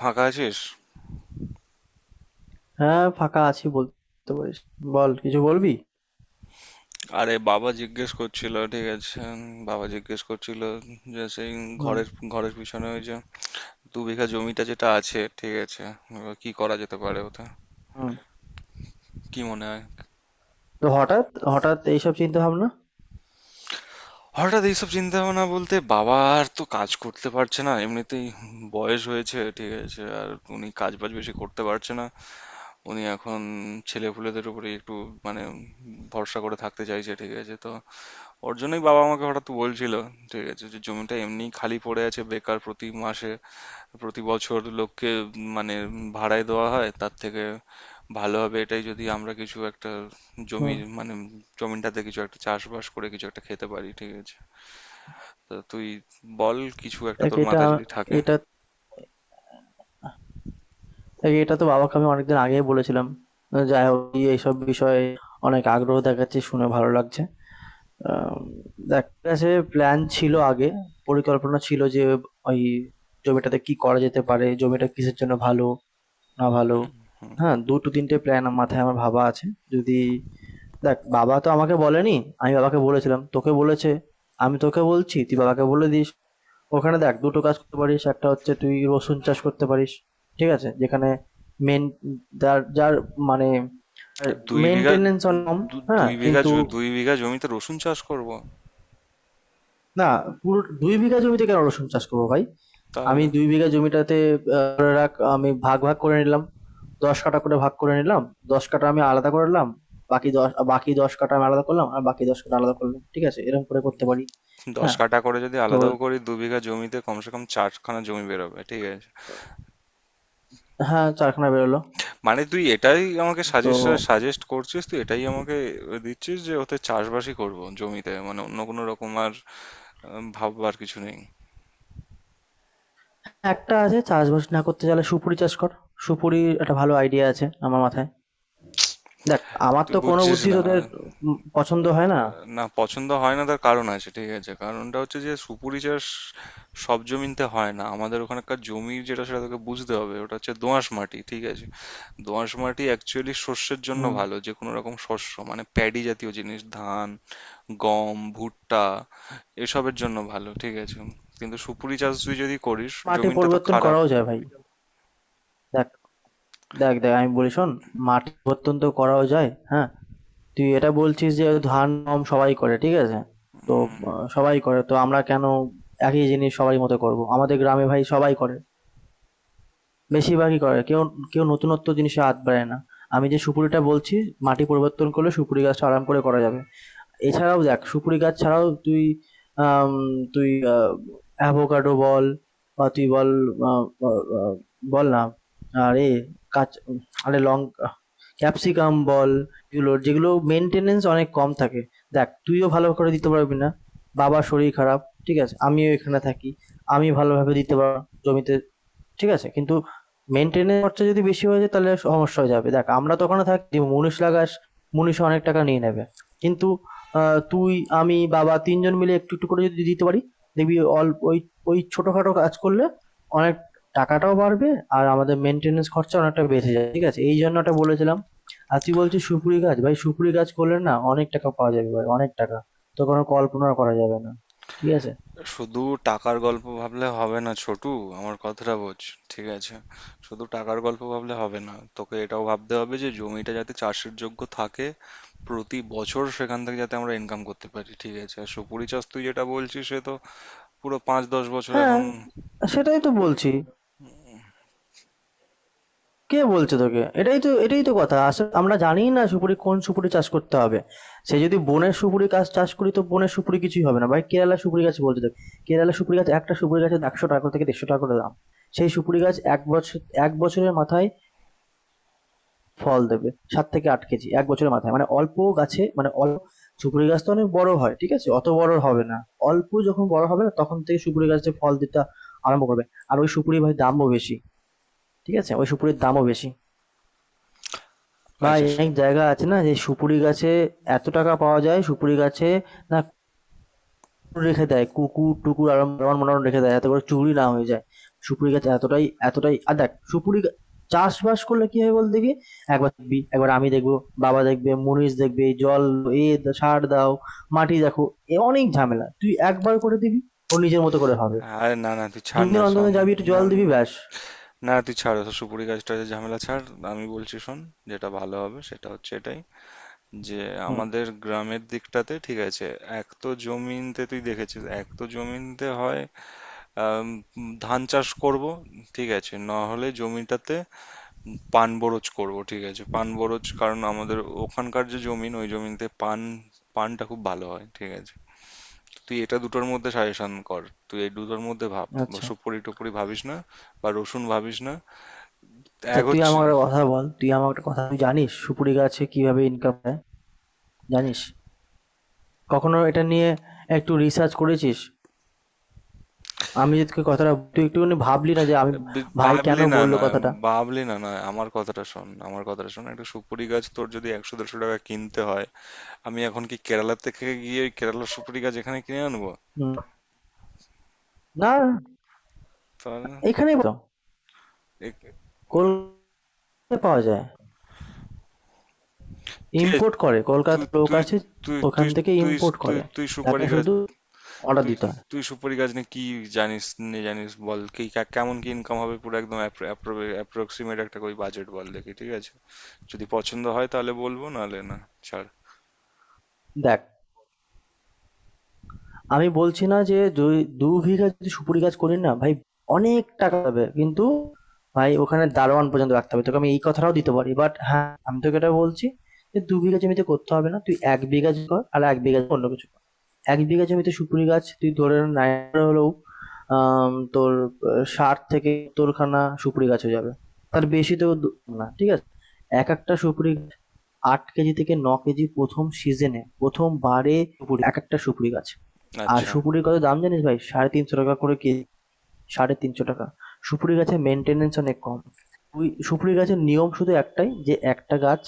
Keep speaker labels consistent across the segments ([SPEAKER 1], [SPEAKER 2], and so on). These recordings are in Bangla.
[SPEAKER 1] ফাঁকা আছিস?
[SPEAKER 2] হ্যাঁ, ফাঁকা আছি বলতে পারিস। বল কিছু বলবি?
[SPEAKER 1] আরে বাবা জিজ্ঞেস করছিল, ঠিক আছে, বাবা জিজ্ঞেস করছিল যে সেই
[SPEAKER 2] হুম,
[SPEAKER 1] ঘরের ঘরের পিছনে ওই যে 2 বিঘা জমিটা যেটা আছে, ঠিক আছে, এবার কি করা যেতে পারে ওটা,
[SPEAKER 2] হুম।
[SPEAKER 1] কি মনে হয়?
[SPEAKER 2] তো হঠাৎ এইসব চিন্তাভাবনা?
[SPEAKER 1] হঠাৎ এইসব চিন্তা ভাবনা বলতে বাবা আর তো কাজ করতে পারছে না, এমনিতেই বয়স হয়েছে, ঠিক আছে, আর উনি কাজ বাজ বেশি করতে পারছে না, উনি এখন ছেলেপুলেদের উপরে একটু, মানে, ভরসা করে থাকতে চাইছে, ঠিক আছে। তো ওর জন্যই বাবা আমাকে হঠাৎ বলছিল, ঠিক আছে, যে জমিটা এমনি খালি পড়ে আছে বেকার, প্রতি মাসে প্রতি বছর লোককে মানে ভাড়ায় দেওয়া হয়, তার থেকে ভালো হবে এটাই যদি আমরা কিছু একটা জমি,
[SPEAKER 2] হুম।
[SPEAKER 1] মানে জমিটাতে কিছু একটা চাষবাস করে কিছু একটা খেতে পারি, ঠিক আছে। তো তুই বল, কিছু একটা
[SPEAKER 2] দেখ
[SPEAKER 1] তোর
[SPEAKER 2] এটা
[SPEAKER 1] মাথায় যদি থাকে।
[SPEAKER 2] এটা দেখ এটা তো বাবাকে আমি অনেকদিন আগেই বলেছিলাম। যাই হোক তুই এইসব বিষয়ে অনেক আগ্রহ দেখাচ্ছিস শুনে ভালো লাগছে। আম দেখ কাছে প্ল্যান ছিল আগে, পরিকল্পনা ছিল যে ওই জমিটাতে কি করা যেতে পারে, জমিটা কিসের জন্য ভালো, না ভালো। হ্যাঁ, ২-৩ টে প্ল্যান মাথায় আমার ভাবা আছে। যদি দেখ বাবা তো আমাকে বলেনি, আমি বাবাকে বলেছিলাম, তোকে বলেছে। আমি তোকে বলছি, তুই বাবাকে বলে দিস। ওখানে দেখ দুটো কাজ করতে পারিস, একটা হচ্ছে তুই রসুন চাষ করতে পারিস, ঠিক আছে? যেখানে মেন যার যার মানে
[SPEAKER 1] 2 বিঘা,
[SPEAKER 2] মেনটেনেন্স কম।
[SPEAKER 1] দু-
[SPEAKER 2] হ্যাঁ
[SPEAKER 1] দুই বিঘা
[SPEAKER 2] কিন্তু
[SPEAKER 1] জ- 2 বিঘা জমিতে রসুন চাষ করব?
[SPEAKER 2] না, পুরো দুই বিঘা জমিতে কেন রসুন চাষ করবো ভাই? আমি
[SPEAKER 1] তাহলে
[SPEAKER 2] দুই বিঘা জমিটাতে, ধরে রাখ আমি ভাগ ভাগ করে নিলাম, দশ কাঠা করে ভাগ করে নিলাম। দশ কাঠা আমি আলাদা করে নিলাম, বাকি দশ কাঠা আমি আলাদা করলাম, আর বাকি দশ কাঠা আলাদা করলাম। ঠিক আছে, এরকম করে করতে পারি।
[SPEAKER 1] দশ
[SPEAKER 2] হ্যাঁ,
[SPEAKER 1] কাঠা করে যদি
[SPEAKER 2] তো
[SPEAKER 1] আলাদাও করি 2 বিঘা জমিতে কমসে কম চারখানা জমি বেরোবে, ঠিক আছে।
[SPEAKER 2] হ্যাঁ, চারখানা বেরোলো।
[SPEAKER 1] মানে তুই এটাই আমাকে
[SPEAKER 2] তো
[SPEAKER 1] সাজেস্ট, করছিস তুই এটাই আমাকে দিচ্ছিস, যে ওতে চাষবাসই করব জমিতে, মানে অন্য কোনো রকম আর ভাববার কিছু নেই?
[SPEAKER 2] একটা আছে, চাষবাস না করতে চাইলে সুপুরি চাষ কর। সুপুরি একটা ভালো আইডিয়া আছে আমার মাথায়। দেখ, আমার
[SPEAKER 1] তুই
[SPEAKER 2] তো কোনো
[SPEAKER 1] বুঝছিস
[SPEAKER 2] বুদ্ধি
[SPEAKER 1] না।
[SPEAKER 2] তোদের পছন্দ হয় না।
[SPEAKER 1] না, পছন্দ হয় না তার কারণ আছে, ঠিক আছে। কারণটা হচ্ছে যে সুপুরি চাষ সব জমিতে হয় না, আমাদের ওখানকার জমি যেটা সেটা তোকে বুঝতে হবে, ওটা হচ্ছে দোআঁশ মাটি, ঠিক আছে। দোআঁশ মাটি অ্যাকচুয়ালি শস্যের জন্য
[SPEAKER 2] হুম।
[SPEAKER 1] ভালো, যে কোনো রকম শস্য, মানে প্যাডি জাতীয় জিনিস, ধান, গম, ভুট্টা, এসবের জন্য ভালো, ঠিক আছে। কিন্তু সুপুরি চাষ তুই যদি করিস,
[SPEAKER 2] মাটি
[SPEAKER 1] জমিনটা তো
[SPEAKER 2] পরিবর্তন
[SPEAKER 1] খারাপ।
[SPEAKER 2] করাও যায় ভাই। দেখ দেখ দেখ আমি বলি শোন, মাটি পরিবর্তন তো করাও যায়, হ্যাঁ। তুই এটা বলছিস যে ধান গম সবাই করে, ঠিক আছে? তো
[SPEAKER 1] উম,
[SPEAKER 2] সবাই করে তো আমরা কেন একই জিনিস সবাই মতো করব? আমাদের গ্রামে ভাই সবাই করে, বেশিরভাগই করে। কেউ কেউ নতুনত্ব জিনিসে হাত বাড়ায় না। আমি যে সুপুরিটা বলছি, মাটি পরিবর্তন করলে সুপুরি গাছটা আরাম করে করা যাবে। এছাড়াও দেখ, সুপুরি গাছ ছাড়াও তুই, আম, তুই অ্যাভোকাডো বল, বা তুই বল, আহ, আহ, বল না। আরে কাঁচ, আরে লঙ্কা, ক্যাপসিকাম বল। এগুলোর যেগুলো মেনটেনেন্স অনেক কম থাকে। দেখ, তুইও ভালো করে দিতে পারবি না, বাবার শরীর খারাপ, ঠিক আছে? আমিও এখানে থাকি, আমি ভালোভাবে দিতে পারবো না জমিতে, ঠিক আছে? কিন্তু মেইনটেইনের খরচা যদি বেশি হয়ে যায় তাহলে সমস্যা হয়ে যাবে। দেখ আমরা তো ওখানে থাকি, মুনিশ লাগাস, মুনিশও অনেক টাকা নিয়ে নেবে। কিন্তু আ তুই, আমি, বাবা ৩ জন মিলে একটু করে যদি দিতে পারি, দেখবি অল্প ওই ওই ছোটখাটো কাজ করলে অনেক টাকাটাও বাড়বে, আর আমাদের মেইনটেন্যান্স খরচা অনেকটা বেঁচে যায়। ঠিক আছে? এই জন্য ওটা বলেছিলাম। আর তুই বলছিস সুপুরি গাছ, ভাই সুপুরি গাছ করলে না অনেক টাকা পাওয়া যাবে ভাই, অনেক টাকা। তোর কোনো কল্পনাও করা যাবে না। ঠিক আছে?
[SPEAKER 1] শুধু টাকার গল্প ভাবলে হবে না, ছোটু। আমার কথাটা বোঝ, ঠিক আছে। শুধু টাকার গল্প ভাবলে হবে না, তোকে এটাও ভাবতে হবে যে জমিটা যাতে চাষের যোগ্য থাকে, প্রতি বছর সেখান থেকে যাতে আমরা ইনকাম করতে পারি, ঠিক আছে। আর সুপুরি চাষ তুই যেটা বলছিস সে তো পুরো 5-10 বছর
[SPEAKER 2] হ্যাঁ,
[SPEAKER 1] এখন।
[SPEAKER 2] সেটাই তো বলছি। কে বলছে তোকে? এটাই তো কথা, আসলে আমরা জানি না সুপুরি কোন সুপুরি চাষ করতে হবে। সে যদি বনের সুপুরি গাছ চাষ করি তো বনের সুপুরি কিছুই হবে না ভাই, কেরালা সুপুরি গাছ বলছে। দেখ কেরালা সুপুরি গাছ, একটা সুপুরি গাছে একশো টাকা থেকে দেড়শো টাকা করে দাম। সেই সুপুরি গাছ এক বছর, এক বছরের মাথায় ফল দেবে সাত থেকে আট কেজি এক বছরের মাথায়, মানে অল্প গাছে, মানে অল্প, সুপুরি গাছ তো অনেক বড় হয়, ঠিক আছে? অত বড় হবে না। অল্প যখন বড় হবে না তখন থেকে সুপুরি গাছে ফল দিতে আরম্ভ করবে। আর ওই সুপুরি ভাই দামও বেশি, ঠিক আছে? ওই সুপুরির দামও বেশি। ভাই
[SPEAKER 1] আচ্ছা।
[SPEAKER 2] অনেক জায়গা আছে না যে সুপুরি গাছে এত টাকা পাওয়া যায় সুপুরি গাছে, না কুকুর রেখে দেয়, কুকুর টুকুর আর আমার মনে হয় রেখে দেয়, এত করে চুরি না হয়ে যায়। সুপুরি গাছ এতটাই এতটাই। আর দেখ চাষবাস করলে কি হয় বল দেখি, একবার দেখবি, একবার আমি দেখবো, বাবা দেখবে, মুনিশ দেখবে জল, সার দাও, মাটি দেখো, এ অনেক ঝামেলা? তুই একবার করে দিবি, ও নিজের মতো করে হবে।
[SPEAKER 1] আরে না না, তুই ছাড়
[SPEAKER 2] দুদিন
[SPEAKER 1] না,
[SPEAKER 2] অন্তর
[SPEAKER 1] শোন।
[SPEAKER 2] অন্তর যাবি, একটু
[SPEAKER 1] না
[SPEAKER 2] জল দিবি ব্যাস।
[SPEAKER 1] না, তুই ছাড় ওসব সুপুরি গাছ টাছের ঝামেলা, ছাড়। আমি বলছি, শোন। যেটা ভালো হবে সেটা হচ্ছে এটাই, যে
[SPEAKER 2] হুম।
[SPEAKER 1] আমাদের গ্রামের দিকটাতে, ঠিক আছে, এক তো জমিনতে তুই দেখেছিস, এক তো জমিনতে হয় আম, ধান চাষ করব, ঠিক আছে। না হলে জমিটাতে পান বরজ করব, ঠিক আছে, পান বরজ। কারণ আমাদের ওখানকার যে জমিন, ওই জমিনতে পান, পানটা খুব ভালো হয়, ঠিক আছে। তুই এটা দুটোর মধ্যে সাজেশন কর, তুই এই দুটোর মধ্যে ভাব।
[SPEAKER 2] আচ্ছা,
[SPEAKER 1] সুপুরি টুপুরি ভাবিস না, বা রসুন ভাবিস না।
[SPEAKER 2] আচ্ছা
[SPEAKER 1] এক
[SPEAKER 2] তুই
[SPEAKER 1] হচ্ছে,
[SPEAKER 2] আমার একটা কথা বল, তুই আমার একটা কথা তুই জানিস সুপুরি গাছে কিভাবে ইনকাম হয়? জানিস? কখনো এটা নিয়ে একটু রিসার্চ করেছিস? আমি যে তোকে কথাটা, তুই একটুখানি ভাবলি না যে আমি ভাই কেন
[SPEAKER 1] ভাবলি না
[SPEAKER 2] বললো
[SPEAKER 1] না?
[SPEAKER 2] কথাটা?
[SPEAKER 1] আমার কথাটা শোন, আমার কথাটা শোন। একটা সুপুরি গাছ তোর যদি 100-150 টাকা কিনতে হয়, আমি এখন কি কেরালা থেকে গিয়ে ওই কেরালার সুপুরি গাছ এখানে কিনে আনবো?
[SPEAKER 2] হুম, না।
[SPEAKER 1] তাহলে না।
[SPEAKER 2] এখানেই তো
[SPEAKER 1] এ-
[SPEAKER 2] কলকাতায় পাওয়া যায়।
[SPEAKER 1] ঠিক আছে।
[SPEAKER 2] ইম্পোর্ট করে,
[SPEAKER 1] তুই
[SPEAKER 2] কলকাতার লোক
[SPEAKER 1] তুই
[SPEAKER 2] আছে
[SPEAKER 1] তুই
[SPEAKER 2] ওখান
[SPEAKER 1] তুই
[SPEAKER 2] থেকে
[SPEAKER 1] তুই
[SPEAKER 2] ইম্পোর্ট
[SPEAKER 1] তুই
[SPEAKER 2] করে।
[SPEAKER 1] তুই সুপারি
[SPEAKER 2] তাকে
[SPEAKER 1] গাছ,
[SPEAKER 2] শুধু অর্ডার
[SPEAKER 1] তুই
[SPEAKER 2] দিতে হয়।
[SPEAKER 1] তুই সুপারি গাছ নিয়ে কি জানিস, নিয়ে জানিস, বল কি কেমন, কি ইনকাম হবে পুরো একদম অ্যাপ্রক্সিমেট, একটা ওই বাজেট বল দেখি, ঠিক আছে। যদি পছন্দ হয় তাহলে বলবো, নাহলে না, ছাড়।
[SPEAKER 2] দেখ, আমি বলছি না যে দু বিঘা যদি সুপুরি গাছ করি না ভাই অনেক টাকা হবে, কিন্তু ভাই ওখানে দারোয়ান পর্যন্ত রাখতে হবে তোকে, আমি এই কথাটাও দিতে পারি। বাট হ্যাঁ, আমি তোকে এটা বলছি যে দু বিঘা জমিতে করতে হবে না, তুই এক বিঘা কর আর এক বিঘা অন্য কিছু কর। এক বিঘা জমিতে সুপুরি গাছ তুই ধরে নাই হলেও আম, তোর ষাট থেকে তোর খানা সুপুরি গাছ হয়ে যাবে, তার বেশি তো না, ঠিক আছে? এক একটা সুপুরি গাছ আট কেজি থেকে ন কেজি প্রথম সিজনে, প্রথমবারে সুপুরি, এক একটা সুপুরি গাছ। আর
[SPEAKER 1] আচ্ছা।
[SPEAKER 2] সুপুরির কত দাম জানিস ভাই? সাড়ে তিনশো টাকা করে কেজি, সাড়ে তিনশো টাকা। সুপুরি গাছের মেনটেনেন্স অনেক কম। তুই সুপুরি গাছের নিয়ম শুধু একটাই, যে একটা গাছ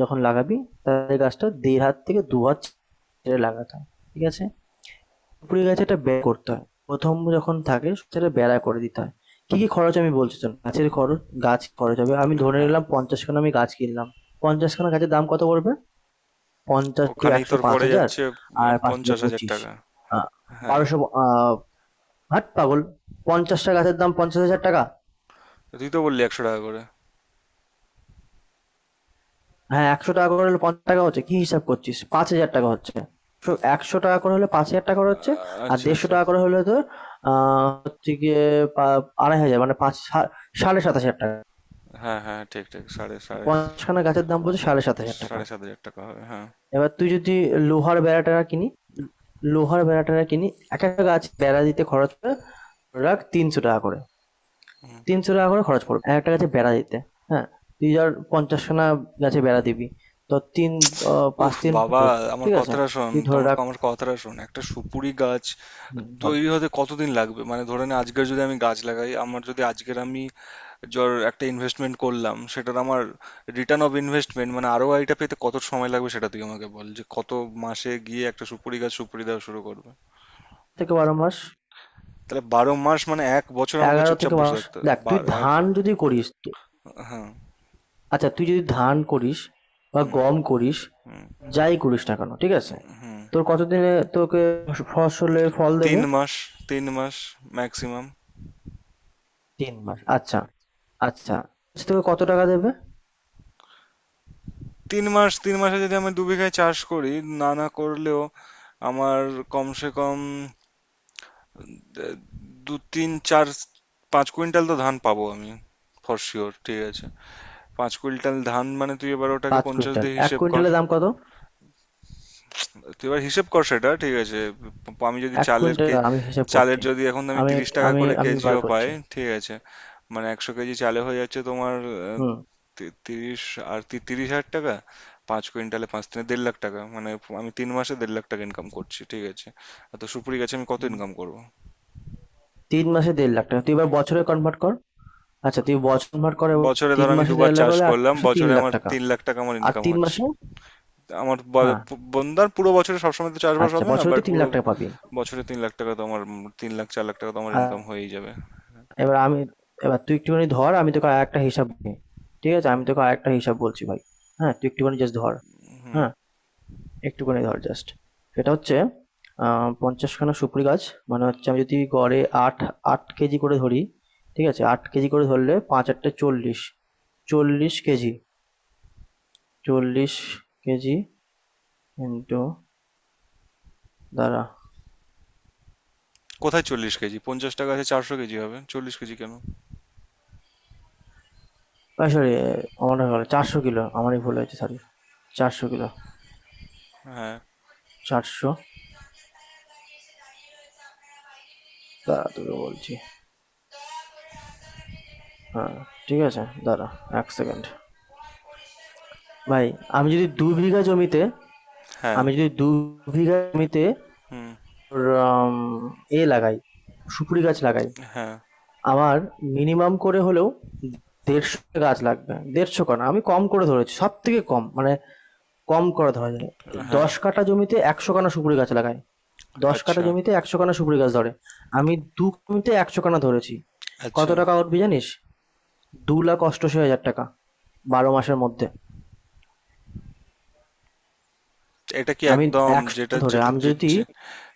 [SPEAKER 2] যখন লাগাবি তার গাছটা দেড় হাত থেকে দু হাত ছেড়ে লাগাতে হয়, ঠিক আছে? সুপুরি গাছে একটা ব্যয় করতে হয় প্রথম যখন থাকে, সেটা বেড়া করে দিতে হয়। কি কি খরচ আমি বলছি শোন, গাছের খরচ। গাছ খরচ হবে, আমি ধরে
[SPEAKER 1] হ্যাঁ,
[SPEAKER 2] নিলাম পঞ্চাশ খানা আমি গাছ কিনলাম, পঞ্চাশ খানা গাছের দাম কত পড়বে? পঞ্চাশ টু
[SPEAKER 1] ওখানেই
[SPEAKER 2] একশো,
[SPEAKER 1] তোর
[SPEAKER 2] পাঁচ
[SPEAKER 1] পড়ে
[SPEAKER 2] হাজার।
[SPEAKER 1] যাচ্ছে?
[SPEAKER 2] আর পাঁচ হাজার
[SPEAKER 1] পঞ্চাশ হাজার
[SPEAKER 2] পঁচিশ,
[SPEAKER 1] টাকা
[SPEAKER 2] আহ,
[SPEAKER 1] হ্যাঁ।
[SPEAKER 2] বারোশো, আহ, হাট পাগল, পঞ্চাশটা গাছের দাম পঞ্চাশ হাজার টাকা।
[SPEAKER 1] তুই তো বললি 100 টাকা করে।
[SPEAKER 2] হ্যাঁ একশো টাকা করে হলে পঞ্চাশ টাকা হচ্ছে কি, হিসাব করছিস? পাঁচ হাজার টাকা হচ্ছে, একশো টাকা করে হলে পাঁচ হাজার টাকা করে হচ্ছে। আর
[SPEAKER 1] আচ্ছা
[SPEAKER 2] দেড়শো
[SPEAKER 1] আচ্ছা।
[SPEAKER 2] টাকা করে হলে তোর হচ্ছে গিয়ে আড়াই হাজার, মানে সাড়ে সাত হাজার টাকা।
[SPEAKER 1] হ্যাঁ হ্যাঁ, ঠিক ঠিক, সাড়ে সাড়ে
[SPEAKER 2] পঞ্চাশখানা গাছের দাম পড়ছে সাড়ে সাত হাজার টাকা।
[SPEAKER 1] 7,500 টাকা হবে, হ্যাঁ।
[SPEAKER 2] এবার তুই যদি লোহার বেড়াটা কিনি লোহার বেড়াটা কিনি, এক একটা গাছ বেড়া দিতে খরচ পড়ে, ধরে রাখ তিনশো টাকা করে।
[SPEAKER 1] হুম।
[SPEAKER 2] তিনশো টাকা করে খরচ পড়বে একটা গাছে বেড়া দিতে। হ্যাঁ, তুই ধর পঞ্চাশখানা গাছে বেড়া দিবি, তো তিন, পাঁচ
[SPEAKER 1] উফ
[SPEAKER 2] দিন।
[SPEAKER 1] বাবা, আমার
[SPEAKER 2] ঠিক আছে,
[SPEAKER 1] কথাটা শোন,
[SPEAKER 2] তুই ধরে
[SPEAKER 1] তোমার
[SPEAKER 2] রাখ।
[SPEAKER 1] আমার কথাটা শোন, একটা সুপুরি গাছ
[SPEAKER 2] হুম, বল।
[SPEAKER 1] তৈরি হতে কতদিন লাগবে? মানে ধরে নে আজকের যদি আমি গাছ লাগাই, আমার যদি আজকের আমি একটা ইনভেস্টমেন্ট করলাম, সেটার আমার রিটার্ন অফ ইনভেস্টমেন্ট, মানে আরও আইটা পেতে কত সময় লাগবে, সেটা তুই আমাকে বল, যে কত মাসে গিয়ে একটা সুপুরি গাছ সুপুরি দেওয়া শুরু করবে।
[SPEAKER 2] থেকে বারো মাস,
[SPEAKER 1] তাহলে 12 মাস মানে 1 বছর আমাকে
[SPEAKER 2] এগারো
[SPEAKER 1] চুপচাপ
[SPEAKER 2] থেকে
[SPEAKER 1] বসে
[SPEAKER 2] মাস।
[SPEAKER 1] থাকতে হবে?
[SPEAKER 2] দেখ
[SPEAKER 1] বা
[SPEAKER 2] তুই
[SPEAKER 1] এক
[SPEAKER 2] ধান যদি করিস তো,
[SPEAKER 1] হ্যাঁ।
[SPEAKER 2] আচ্ছা তুই যদি ধান করিস বা
[SPEAKER 1] হুম।
[SPEAKER 2] গম করিস,
[SPEAKER 1] হুম
[SPEAKER 2] যাই করিস না কেন ঠিক আছে,
[SPEAKER 1] হুম।
[SPEAKER 2] তোর কতদিনে তোকে ফসলের ফল
[SPEAKER 1] তিন
[SPEAKER 2] দেবে?
[SPEAKER 1] মাস 3 মাস, ম্যাক্সিমাম
[SPEAKER 2] তিন মাস, আচ্ছা আচ্ছা। আচ্ছা, তোকে কত টাকা দেবে?
[SPEAKER 1] 3 মাস। 3 মাসে যদি আমি 2 বিঘায় চাষ করি, না না, করলেও আমার কমসে কম আহ, দু তিন চার 5 কুইন্টাল তো ধান পাবো আমি ফর শিওর, ঠিক আছে। 5 কুইন্টাল ধান মানে তুই এবার ওটাকে
[SPEAKER 2] পাঁচ
[SPEAKER 1] 50
[SPEAKER 2] কুইন্টাল,
[SPEAKER 1] দিয়ে
[SPEAKER 2] এক
[SPEAKER 1] হিসেব কর,
[SPEAKER 2] কুইন্টালের দাম কত?
[SPEAKER 1] তুই এবার হিসেব কর সেটা, ঠিক আছে। আমি যদি
[SPEAKER 2] এক
[SPEAKER 1] চালের
[SPEAKER 2] কুইন্টাল
[SPEAKER 1] কে,
[SPEAKER 2] আমি হিসাব
[SPEAKER 1] চালের
[SPEAKER 2] করছি,
[SPEAKER 1] যদি এখন আমি
[SPEAKER 2] আমি
[SPEAKER 1] 30 টাকা
[SPEAKER 2] আমি
[SPEAKER 1] করে
[SPEAKER 2] আমি বার
[SPEAKER 1] কেজিও পাই,
[SPEAKER 2] করছি।
[SPEAKER 1] ঠিক আছে। মানে 100 কেজি চালে হয়ে যাচ্ছে তোমার
[SPEAKER 2] হুম।
[SPEAKER 1] তিরিশ, আর 30,000 টাকা, 5 কুইন্টালে পাঁচ তিনে 1,50,000 টাকা, মানে আমি 3 মাসে 1,50,000 টাকা ইনকাম করছি, ঠিক আছে। আর তো সুপুরি গাছে আমি কত ইনকাম করব?
[SPEAKER 2] তিন মাসে দেড় লাখ টাকা, তুই এবার বছরে কনভার্ট কর। আচ্ছা তুই বছর কনভার্ট করে,
[SPEAKER 1] বছরে ধর
[SPEAKER 2] তিন
[SPEAKER 1] আমি
[SPEAKER 2] মাসে
[SPEAKER 1] দুবার
[SPEAKER 2] দেড় লাখ
[SPEAKER 1] চাষ
[SPEAKER 2] হলে আর তিন
[SPEAKER 1] করলাম,
[SPEAKER 2] মাসে তিন
[SPEAKER 1] বছরে
[SPEAKER 2] লাখ
[SPEAKER 1] আমার
[SPEAKER 2] টাকা,
[SPEAKER 1] 3,00,000 টাকা আমার
[SPEAKER 2] আর
[SPEAKER 1] ইনকাম
[SPEAKER 2] তিন
[SPEAKER 1] হচ্ছে।
[SPEAKER 2] মাসে,
[SPEAKER 1] আমার
[SPEAKER 2] হ্যাঁ।
[SPEAKER 1] বন্দার পুরো বছরে সবসময় তো চাষবাস
[SPEAKER 2] আচ্ছা
[SPEAKER 1] হবে না,
[SPEAKER 2] বছরে
[SPEAKER 1] বাট
[SPEAKER 2] তুই তিন
[SPEAKER 1] পুরো
[SPEAKER 2] লাখ টাকা পাবি।
[SPEAKER 1] বছরে 3,00,000 টাকা তো আমার, 3,00,000 4,00,000 টাকা তো আমার
[SPEAKER 2] আর
[SPEAKER 1] ইনকাম হয়েই যাবে।
[SPEAKER 2] এবার আমি, এবার তুই একটুখানি ধর, আমি তোকে আর একটা হিসাব দিই, ঠিক আছে? আমি তোকে আর একটা হিসাব বলছি ভাই। হ্যাঁ তুই একটুখানি জাস্ট ধর।
[SPEAKER 1] হুম।
[SPEAKER 2] হ্যাঁ, একটুখানি ধর জাস্ট। সেটা হচ্ছে পঞ্চাশখানা সুপারি গাছ মানে হচ্ছে, আমি যদি গড়ে আট আট কেজি করে ধরি, ঠিক আছে? আট কেজি করে ধরলে পাঁচ আটটা চল্লিশ, চল্লিশ কেজি, চল্লিশ কেজি, ইন্টু, দ্বারা।
[SPEAKER 1] কোথায় 40 কেজি? 50 টাকা আছে, 400 কেজি হবে, 40 কেজি কেন?
[SPEAKER 2] সরি, আমার হলো চারশো কিলো, আমারই ভুল হয়েছে সরি। চারশো কিলো,
[SPEAKER 1] হ্যাঁ
[SPEAKER 2] চারশো। দাঁড়া তোকে বলছি। হ্যাঁ, ঠিক আছে দাঁড়া, এক সেকেন্ড। ভাই আমি যদি দু বিঘা জমিতে,
[SPEAKER 1] হ্যাঁ।
[SPEAKER 2] আমি যদি দু বিঘা জমিতে
[SPEAKER 1] হুম।
[SPEAKER 2] ওর আম এ লাগাই, সুপুরি গাছ লাগাই।
[SPEAKER 1] হ্যাঁ
[SPEAKER 2] আমার মিনিমাম করে হলেও ১৫০ টা গাছ লাগবে। ১৫০ কানা, আমি কম করে ধরেছি। সবথেকে কম, মানে কম করে ধরা যায়।
[SPEAKER 1] হ্যাঁ।
[SPEAKER 2] ১০ কাঠা জমিতে ১০০ কানা সুপুরি গাছ লাগাই। ১০ কাঠা
[SPEAKER 1] আচ্ছা
[SPEAKER 2] জমিতে ১০০ কানা সুপুরি গাছ ধরে। আমি ২ জমিতে ১০০ কানা ধরেছি। কত
[SPEAKER 1] আচ্ছা।
[SPEAKER 2] টাকা উঠবে জানিস? ২,৮৮,০০০ টাকা ১২ মাসের মধ্যে।
[SPEAKER 1] এটা কি
[SPEAKER 2] আমি
[SPEAKER 1] একদম,
[SPEAKER 2] ১০০
[SPEAKER 1] যেটা
[SPEAKER 2] ধরে,
[SPEAKER 1] যেটা
[SPEAKER 2] আমি
[SPEAKER 1] যে-
[SPEAKER 2] যদি,
[SPEAKER 1] যে-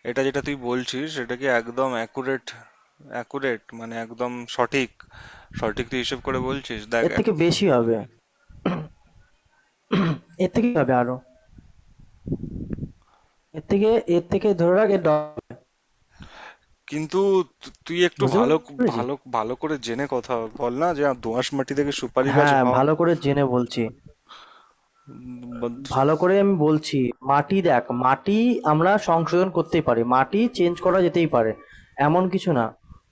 [SPEAKER 1] এটা যেটা তুই বলছিস সেটা কি একদম অ্যাকুরেট? অ্যাকুরেট মানে একদম সঠিক, সঠিক তুই হিসেব করে বলছিস? দেখ
[SPEAKER 2] এর থেকে বেশি হবে। এর থেকে হবে আরো। এর থেকে এর থেকে ধরে রাখ, এর ড,
[SPEAKER 1] কিন্তু তুই একটু
[SPEAKER 2] বুঝতে
[SPEAKER 1] ভালো
[SPEAKER 2] পেরেছিস?
[SPEAKER 1] ভালো ভালো করে জেনে কথা বল না, যে দোআঁশ মাটি থেকে সুপারি গাছ
[SPEAKER 2] হ্যাঁ,
[SPEAKER 1] হয়?
[SPEAKER 2] ভালো করে জেনে বলছি।
[SPEAKER 1] উম, বা-
[SPEAKER 2] ভালো করে আমি বলছি। মাটি দেখ, মাটি আমরা সংশোধন করতেই পারি। মাটি চেঞ্জ করা যেতেই পারে। এমন কিছু না।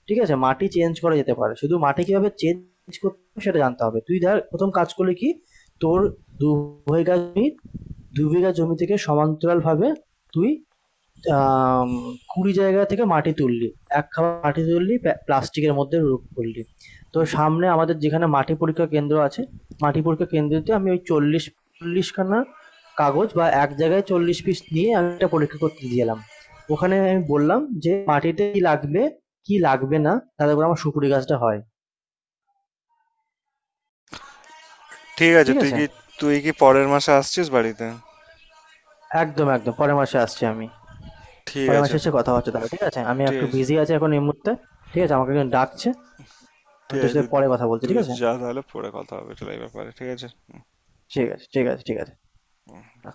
[SPEAKER 2] ঠিক আছে? মাটি চেঞ্জ করা যেতে পারে। শুধু মাটি কিভাবে চেঞ্জ করতে হবে সেটা জানতে হবে। তুই ধর প্রথম কাজ করলি কি? তোর দু বিঘা জমি, দু বিঘা জমি থেকে সমান্তরালভাবে তুই আম, কুড়ি জায়গা থেকে মাটি তুললি, এক খাবার মাটি তুললি, প্লাস্টিকের মধ্যে রূপ করলি, তো
[SPEAKER 1] হুম।
[SPEAKER 2] সামনে আমাদের যেখানে মাটি পরীক্ষা কেন্দ্র আছে, মাটি পরীক্ষা কেন্দ্রতে আমি ওই চল্লিশ চল্লিশ খানা কাগজ বা এক জায়গায় চল্লিশ পিস নিয়ে আমি এটা পরীক্ষা করতে দিয়েলাম। ওখানে আমি বললাম যে মাটিতে কি লাগবে, কি লাগবে না, তাদের উপর আমার সুপুরি গাছটা হয়।
[SPEAKER 1] ঠিক আছে,
[SPEAKER 2] ঠিক
[SPEAKER 1] তুই
[SPEAKER 2] আছে।
[SPEAKER 1] কি, তুই কি পরের মাসে আসছিস বাড়িতে?
[SPEAKER 2] একদম একদম পরের মাসে আসছি আমি।
[SPEAKER 1] ঠিক
[SPEAKER 2] পরের
[SPEAKER 1] আছে।
[SPEAKER 2] মাসে এসে কথা হচ্ছে তাহলে, ঠিক আছে? আমি একটু
[SPEAKER 1] ঠিক,
[SPEAKER 2] বিজি আছি এখন এই মুহূর্তে। ঠিক আছে, আমাকে একজন ডাকছে, আমি
[SPEAKER 1] ঠিক
[SPEAKER 2] তোর
[SPEAKER 1] আছে।
[SPEAKER 2] সাথে
[SPEAKER 1] তুই
[SPEAKER 2] পরে কথা বলছি,
[SPEAKER 1] তুই
[SPEAKER 2] ঠিক আছে?
[SPEAKER 1] যা তাহলে, পরে কথা হবে তাহলে এই ব্যাপারে, ঠিক আছে, হুম।
[SPEAKER 2] ঠিক আছে, ঠিক আছে, ঠিক আছে। আ